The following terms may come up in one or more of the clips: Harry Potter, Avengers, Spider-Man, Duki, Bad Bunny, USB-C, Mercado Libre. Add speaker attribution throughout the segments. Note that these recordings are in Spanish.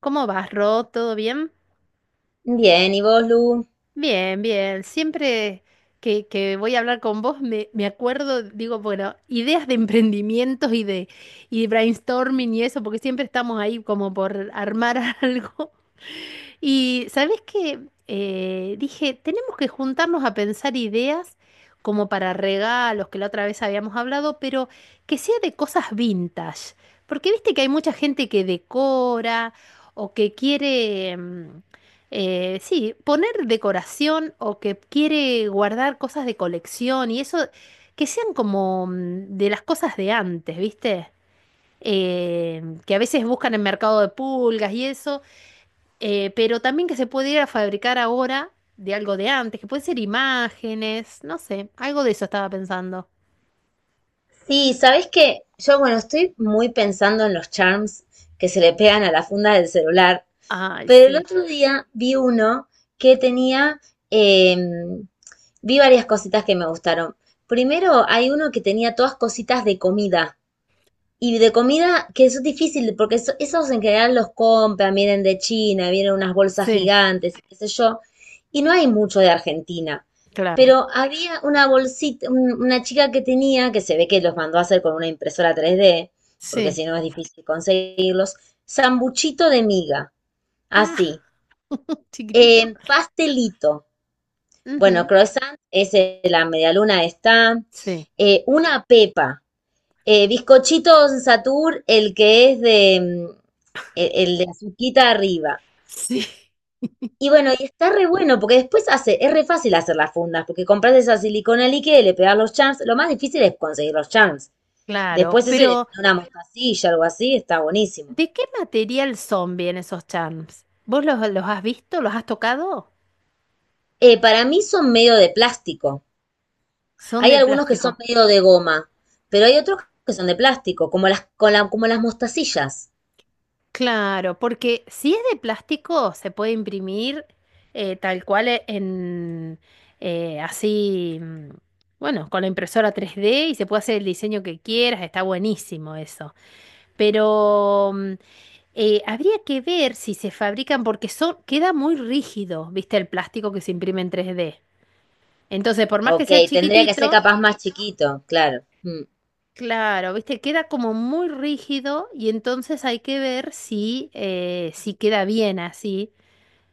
Speaker 1: ¿Cómo vas, Ro? ¿Todo bien?
Speaker 2: Bien, ¿y vos, Lu?
Speaker 1: Bien, bien. Siempre que voy a hablar con vos me acuerdo, digo, bueno, ideas de emprendimientos y de brainstorming y eso, porque siempre estamos ahí como por armar algo. Y ¿sabés qué? Dije, tenemos que juntarnos a pensar ideas como para regalos, que la otra vez habíamos hablado, pero que sea de cosas vintage. Porque viste que hay mucha gente que decora o que quiere sí, poner decoración o que quiere guardar cosas de colección y eso, que sean como de las cosas de antes, ¿viste? Que a veces buscan en mercado de pulgas y eso, pero también que se puede ir a fabricar ahora de algo de antes, que pueden ser imágenes, no sé, algo de eso estaba pensando.
Speaker 2: Sí, ¿sabés qué? Yo, bueno, estoy muy pensando en los charms que se le pegan a la funda del celular,
Speaker 1: Ay,
Speaker 2: pero el
Speaker 1: sí,
Speaker 2: otro día vi uno que tenía, em, vi varias cositas que me gustaron. Primero, hay uno que tenía todas cositas de comida. Y de comida, que eso es difícil, porque esos en general los compran, vienen de China, vienen unas bolsas
Speaker 1: sí,
Speaker 2: gigantes, qué sé yo, y no hay mucho de Argentina.
Speaker 1: claro,
Speaker 2: Pero había una bolsita, una chica que tenía, que se ve que los mandó a hacer con una impresora 3D, porque
Speaker 1: sí.
Speaker 2: si no es difícil conseguirlos, sambuchito de miga,
Speaker 1: Ah,
Speaker 2: así,
Speaker 1: chiquitito.
Speaker 2: pastelito, bueno,
Speaker 1: Ujú.
Speaker 2: croissant, ese, la medialuna está,
Speaker 1: Sí,
Speaker 2: una pepa, bizcochito Don Satur, el que es de el de azuquita arriba.
Speaker 1: sí,
Speaker 2: Y bueno, y está re bueno, porque después hace, es re fácil hacer las fundas, porque compras esa silicona líquida y le pegas los charms. Lo más difícil es conseguir los charms.
Speaker 1: claro,
Speaker 2: Después ese le
Speaker 1: pero...
Speaker 2: pones una mostacilla, algo así, está buenísimo.
Speaker 1: ¿De qué material son bien esos charms? ¿Vos los has visto? ¿Los has tocado?
Speaker 2: Para mí son medio de plástico.
Speaker 1: Son
Speaker 2: Hay
Speaker 1: de
Speaker 2: algunos que son
Speaker 1: plástico.
Speaker 2: medio de goma, pero hay otros que son de plástico, como las mostacillas.
Speaker 1: Claro, porque si es de plástico se puede imprimir tal cual en así, bueno, con la impresora 3D y se puede hacer el diseño que quieras, está buenísimo eso. Pero habría que ver si se fabrican porque son, queda muy rígido, ¿viste? El plástico que se imprime en 3D. Entonces, por más que
Speaker 2: Ok,
Speaker 1: sea
Speaker 2: tendría que ser
Speaker 1: chiquitito.
Speaker 2: capaz más chiquito, claro. Mm.
Speaker 1: Claro, viste, queda como muy rígido y entonces hay que ver si, si queda bien así.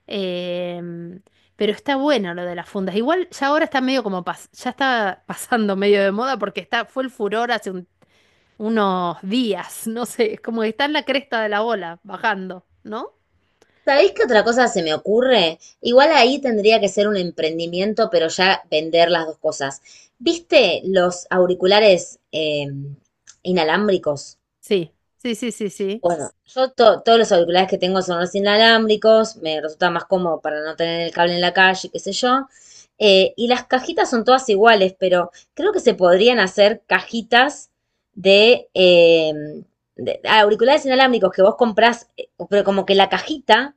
Speaker 1: em, pero está bueno lo de las fundas. Igual ya ahora está medio como ya está pasando medio de moda porque está, fue el furor hace unos días, no sé, es como que está en la cresta de la ola, bajando, ¿no?
Speaker 2: ¿Sabéis qué otra cosa se me ocurre? Igual ahí tendría que ser un emprendimiento, pero ya vender las dos cosas. ¿Viste los auriculares inalámbricos?
Speaker 1: Sí, sí, sí, sí, sí.
Speaker 2: Bueno, yo todos los auriculares que tengo son los inalámbricos, me resulta más cómodo para no tener el cable en la calle, qué sé yo. Y las cajitas son todas iguales, pero creo que se podrían hacer cajitas de, eh, auriculares inalámbricos que vos comprás, pero como que la cajita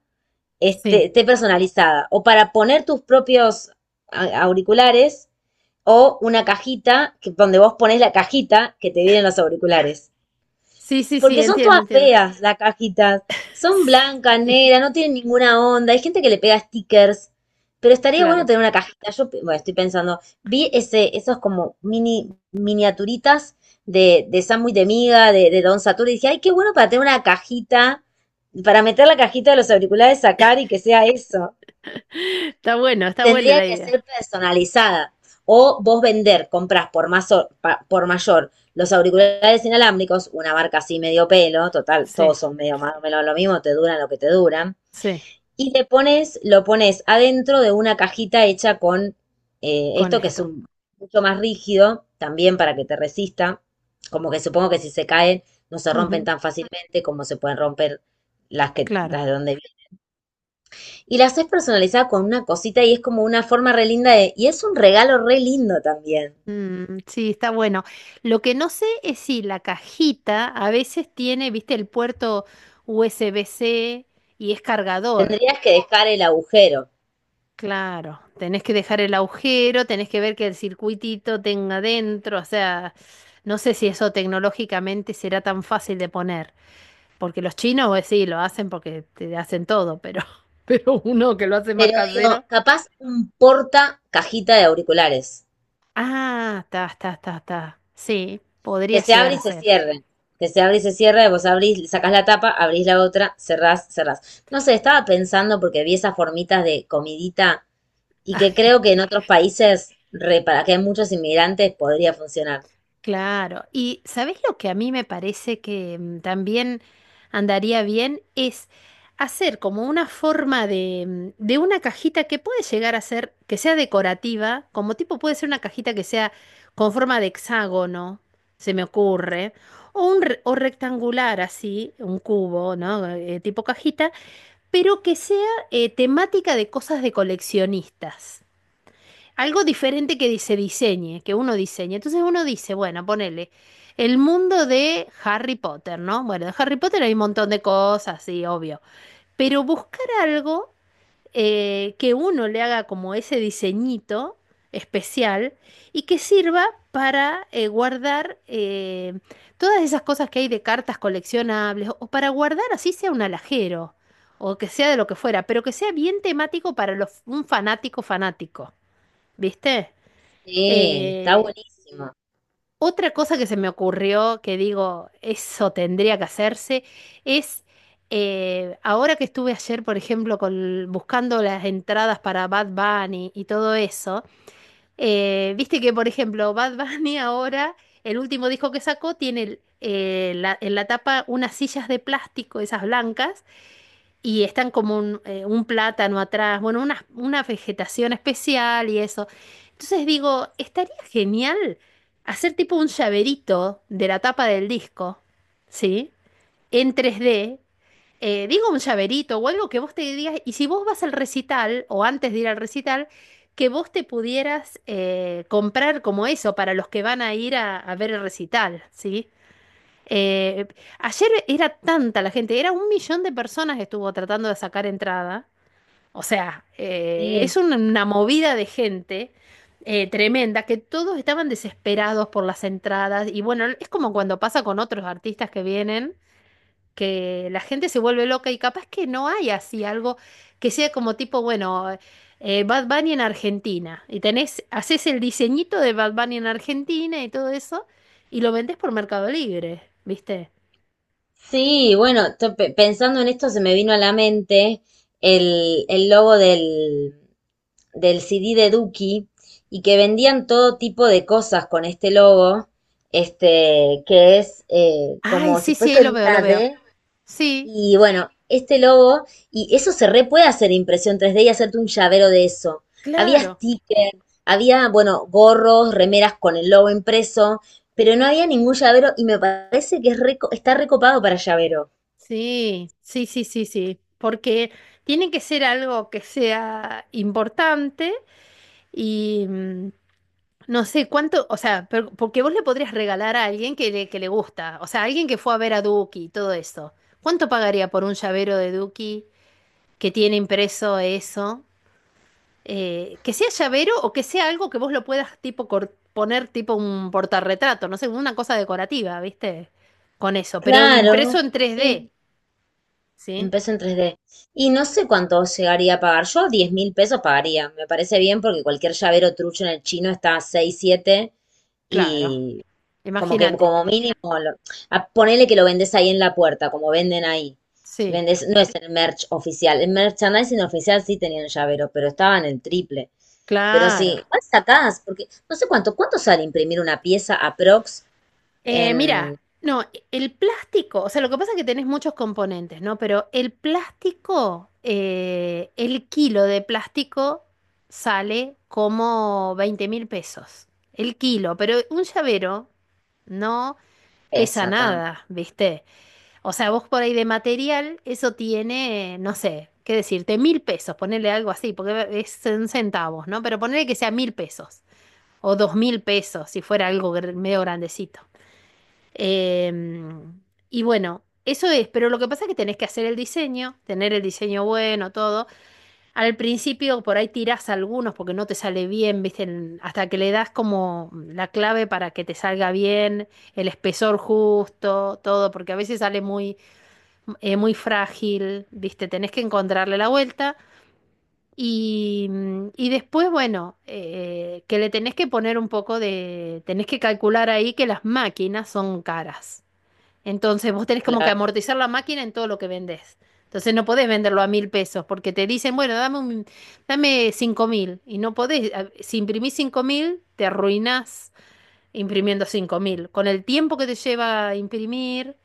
Speaker 2: esté,
Speaker 1: Sí,
Speaker 2: esté personalizada. O para poner tus propios auriculares o una cajita que, donde vos pones la cajita que te vienen los auriculares.
Speaker 1: sí, sí, sí,
Speaker 2: Porque son
Speaker 1: entiendo,
Speaker 2: todas
Speaker 1: entiendo.
Speaker 2: feas las cajitas. Son blancas,
Speaker 1: Sí,
Speaker 2: negras, no tienen ninguna onda. Hay gente que le pega stickers. Pero estaría bueno
Speaker 1: claro.
Speaker 2: tener una cajita. Yo, bueno, estoy pensando, vi esos como miniaturitas de sándwich de miga, de Don Satur, y dije, ay, qué bueno para tener una cajita, para meter la cajita de los auriculares, sacar y que sea eso
Speaker 1: Está bueno, está buena
Speaker 2: tendría
Speaker 1: la
Speaker 2: que
Speaker 1: idea.
Speaker 2: ser personalizada. O vos vender, compras por, por mayor los auriculares inalámbricos, una marca así medio pelo, total,
Speaker 1: Sí,
Speaker 2: todos son medio más o menos lo mismo, te duran lo que te duran.
Speaker 1: sí,
Speaker 2: Y te pones, lo pones adentro de una cajita hecha con
Speaker 1: con
Speaker 2: esto que es
Speaker 1: esto.
Speaker 2: mucho más rígido, también para que te resista. Como que supongo que si se caen, no se rompen
Speaker 1: Ujú.
Speaker 2: tan fácilmente como se pueden romper las que,
Speaker 1: Claro.
Speaker 2: las de donde y las haces personalizada con una cosita y es como una forma re linda de, y es un regalo re lindo también.
Speaker 1: Mm, sí, está bueno. Lo que no sé es si la cajita a veces tiene, viste, el puerto USB-C y es cargador.
Speaker 2: Tendrías que dejar el agujero.
Speaker 1: Claro, tenés que dejar el agujero, tenés que ver que el circuitito tenga dentro, o sea, no sé si eso tecnológicamente será tan fácil de poner, porque los chinos, pues sí, lo hacen porque te hacen todo, pero, pero uno que lo hace más
Speaker 2: Pero digo,
Speaker 1: casero.
Speaker 2: capaz un porta cajita de auriculares,
Speaker 1: Ah, está, está, está, está. Sí,
Speaker 2: que
Speaker 1: podría
Speaker 2: se
Speaker 1: llegar
Speaker 2: abre y
Speaker 1: a
Speaker 2: se
Speaker 1: ser.
Speaker 2: cierre, que se abre y se cierra, vos abrís, sacás la tapa, abrís la otra, cerrás, cerrás. No sé, estaba pensando porque vi esas formitas de comidita y que creo que en otros países, re, para que hay muchos inmigrantes, podría funcionar.
Speaker 1: Claro, y ¿sabés lo que a mí me parece que también andaría bien? Es hacer como una forma de, de una cajita que puede llegar a ser, que sea decorativa, como tipo puede ser una cajita que sea con forma de hexágono, se me ocurre, o un o rectangular así, un cubo, ¿no? Tipo cajita, pero que sea temática de cosas de coleccionistas. Algo diferente que se diseñe, que uno diseñe. Entonces uno dice, bueno, ponele el mundo de Harry Potter, ¿no? Bueno, de Harry Potter hay un montón de cosas, sí, obvio. Pero buscar algo que uno le haga como ese diseñito especial y que sirva para guardar todas esas cosas que hay de cartas coleccionables o para guardar así sea un alajero o que sea de lo que fuera, pero que sea bien temático para un fanático fanático, ¿viste?
Speaker 2: Sí, está
Speaker 1: Eh,
Speaker 2: buenísimo.
Speaker 1: Otra cosa que se me ocurrió, que digo, eso tendría que hacerse, es ahora que estuve ayer, por ejemplo, con, buscando las entradas para Bad Bunny y todo eso, viste que, por ejemplo, Bad Bunny ahora, el último disco que sacó, tiene en la tapa unas sillas de plástico, esas blancas, y están como un plátano atrás, bueno, una vegetación especial y eso. Entonces digo, estaría genial hacer tipo un llaverito de la tapa del disco, ¿sí? En 3D. Digo un llaverito o algo que vos te digas, y si vos vas al recital o antes de ir al recital, que vos te pudieras comprar como eso para los que van a ir a ver el recital, ¿sí? Eh, Ayer era tanta la gente, era un millón de personas que estuvo tratando de sacar entrada. O sea,
Speaker 2: Sí.
Speaker 1: es una movida de gente tremenda que todos estaban desesperados por las entradas. Y bueno, es como cuando pasa con otros artistas que vienen, que la gente se vuelve loca y capaz que no hay así algo que sea como tipo, bueno, Bad Bunny en Argentina. Y tenés, haces el diseñito de Bad Bunny en Argentina y todo eso y lo vendés por Mercado Libre, ¿viste?
Speaker 2: Sí, bueno, pensando en esto se me vino a la mente el logo del CD de Duki y que vendían todo tipo de cosas con este logo, que es
Speaker 1: Ay,
Speaker 2: como si
Speaker 1: sí, sí, ahí
Speaker 2: fuese
Speaker 1: lo veo, lo
Speaker 2: una
Speaker 1: veo.
Speaker 2: D
Speaker 1: Sí,
Speaker 2: y bueno, este logo y eso se re puede hacer impresión 3D y hacerte un llavero de eso. Había
Speaker 1: claro.
Speaker 2: stickers, había, bueno, gorros, remeras con el logo impreso, pero no había ningún llavero y me parece que es está recopado para llavero.
Speaker 1: Sí, sí, sí, sí, sí. Porque tiene que ser algo que sea importante y no sé cuánto, o sea, porque vos le podrías regalar a alguien que le gusta, o sea, alguien que fue a ver a Duki y todo eso. ¿Cuánto pagaría por un llavero de Duki que tiene impreso eso? Que sea llavero o que sea algo que vos lo puedas tipo poner tipo un portarretrato, no sé, una cosa decorativa, ¿viste? Con eso, pero
Speaker 2: Claro,
Speaker 1: impreso en 3D,
Speaker 2: sí,
Speaker 1: ¿sí?
Speaker 2: empezó en 3D. Y no sé cuánto llegaría a pagar. Yo diez mil pesos pagaría. Me parece bien porque cualquier llavero trucho en el chino está a 6, 7
Speaker 1: Claro,
Speaker 2: y como que
Speaker 1: imagínate.
Speaker 2: como mínimo, ponele que lo vendes ahí en la puerta, como venden ahí.
Speaker 1: Sí,
Speaker 2: Vendes, no es el merch oficial. El merchandising oficial sí tenían llavero, pero estaban el triple. Pero sí,
Speaker 1: claro.
Speaker 2: igual sacás, porque no sé cuánto, ¿cuánto sale imprimir una pieza aprox
Speaker 1: Mira,
Speaker 2: en
Speaker 1: no, el plástico, o sea, lo que pasa es que tenés muchos componentes, ¿no? Pero el plástico, el kilo de plástico sale como 20.000 pesos. El kilo, pero un llavero, no pesa
Speaker 2: esa tan?
Speaker 1: nada, ¿viste? O sea, vos por ahí de material, eso tiene, no sé, qué decirte, 1.000 pesos, ponerle algo así, porque es en centavos, ¿no? Pero ponerle que sea 1.000 pesos o 2.000 pesos, si fuera algo medio grandecito. Em, y bueno, eso es, pero lo que pasa es que tenés que hacer el diseño, tener el diseño bueno, todo. Al principio por ahí tirás algunos porque no te sale bien, ¿viste? Hasta que le das como la clave para que te salga bien, el espesor justo, todo, porque a veces sale muy, muy frágil, ¿viste? Tenés que encontrarle la vuelta. Y después, bueno, que le tenés que poner un poco de... Tenés que calcular ahí que las máquinas son caras. Entonces vos tenés como que
Speaker 2: Claro.
Speaker 1: amortizar la máquina en todo lo que vendés. Entonces no podés venderlo a 1.000 pesos porque te dicen, bueno, dame 5.000. Y no podés, si imprimís 5.000, te arruinás imprimiendo 5.000. Con el tiempo que te lleva a imprimir,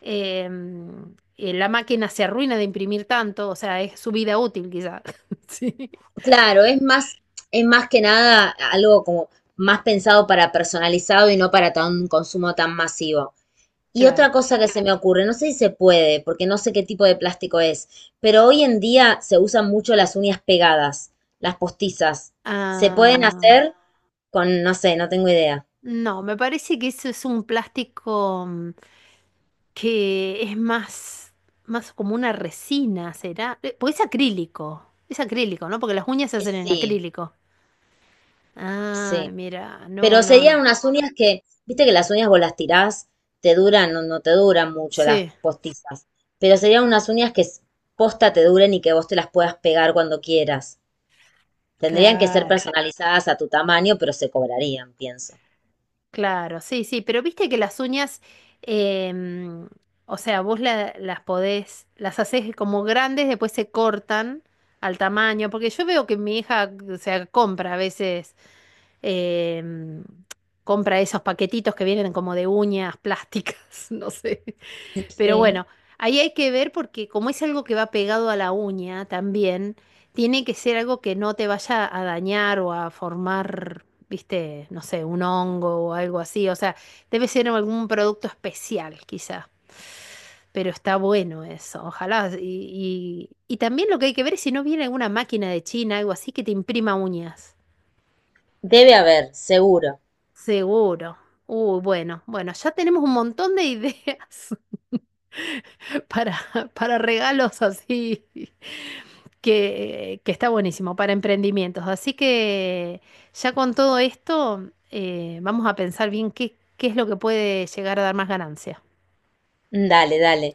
Speaker 1: la máquina se arruina de imprimir tanto, o sea, es su vida útil quizá. Sí,
Speaker 2: Claro, es más que nada algo como más pensado para personalizado y no para tan- un consumo tan masivo. Y
Speaker 1: claro.
Speaker 2: otra cosa que se me ocurre, no sé si se puede, porque no sé qué tipo de plástico es, pero hoy en día se usan mucho las uñas pegadas, las postizas. ¿Se pueden
Speaker 1: Ah,
Speaker 2: hacer con, no sé, no tengo idea?
Speaker 1: no, me parece que eso es un plástico que es más, más como una resina, ¿será? Porque es acrílico, ¿no? Porque las uñas se hacen en
Speaker 2: Sí,
Speaker 1: acrílico. Ah,
Speaker 2: sí.
Speaker 1: mira, no,
Speaker 2: Pero
Speaker 1: no,
Speaker 2: serían
Speaker 1: no.
Speaker 2: unas uñas que, viste que las uñas vos las tirás, te duran o no te duran mucho las
Speaker 1: Sí,
Speaker 2: postizas, pero serían unas uñas que posta te duren y que vos te las puedas pegar cuando quieras. Tendrían que ser
Speaker 1: claro.
Speaker 2: personalizadas a tu tamaño, pero se cobrarían, pienso.
Speaker 1: Claro, sí, sí, pero viste que las uñas, em, o sea, vos las podés, las haces como grandes, después se cortan al tamaño, porque yo veo que mi hija, o sea, compra a veces, em, compra esos paquetitos que vienen como de uñas plásticas, no sé. Pero
Speaker 2: Sí,
Speaker 1: bueno, ahí hay que ver porque como es algo que va pegado a la uña también, tiene que ser algo que no te vaya a dañar o a formar, viste, no sé, un hongo o algo así. O sea, debe ser algún producto especial quizá. Pero está bueno eso, ojalá. Y y también lo que hay que ver es si no viene alguna máquina de China, algo así, que te imprima uñas.
Speaker 2: debe haber, seguro.
Speaker 1: Seguro. Uy, bueno, bueno, ya tenemos un montón de ideas. para, para regalos así, que está buenísimo, para emprendimientos. Así que ya con todo esto, vamos a pensar bien qué, es lo que puede llegar a dar más ganancia.
Speaker 2: Dale, dale.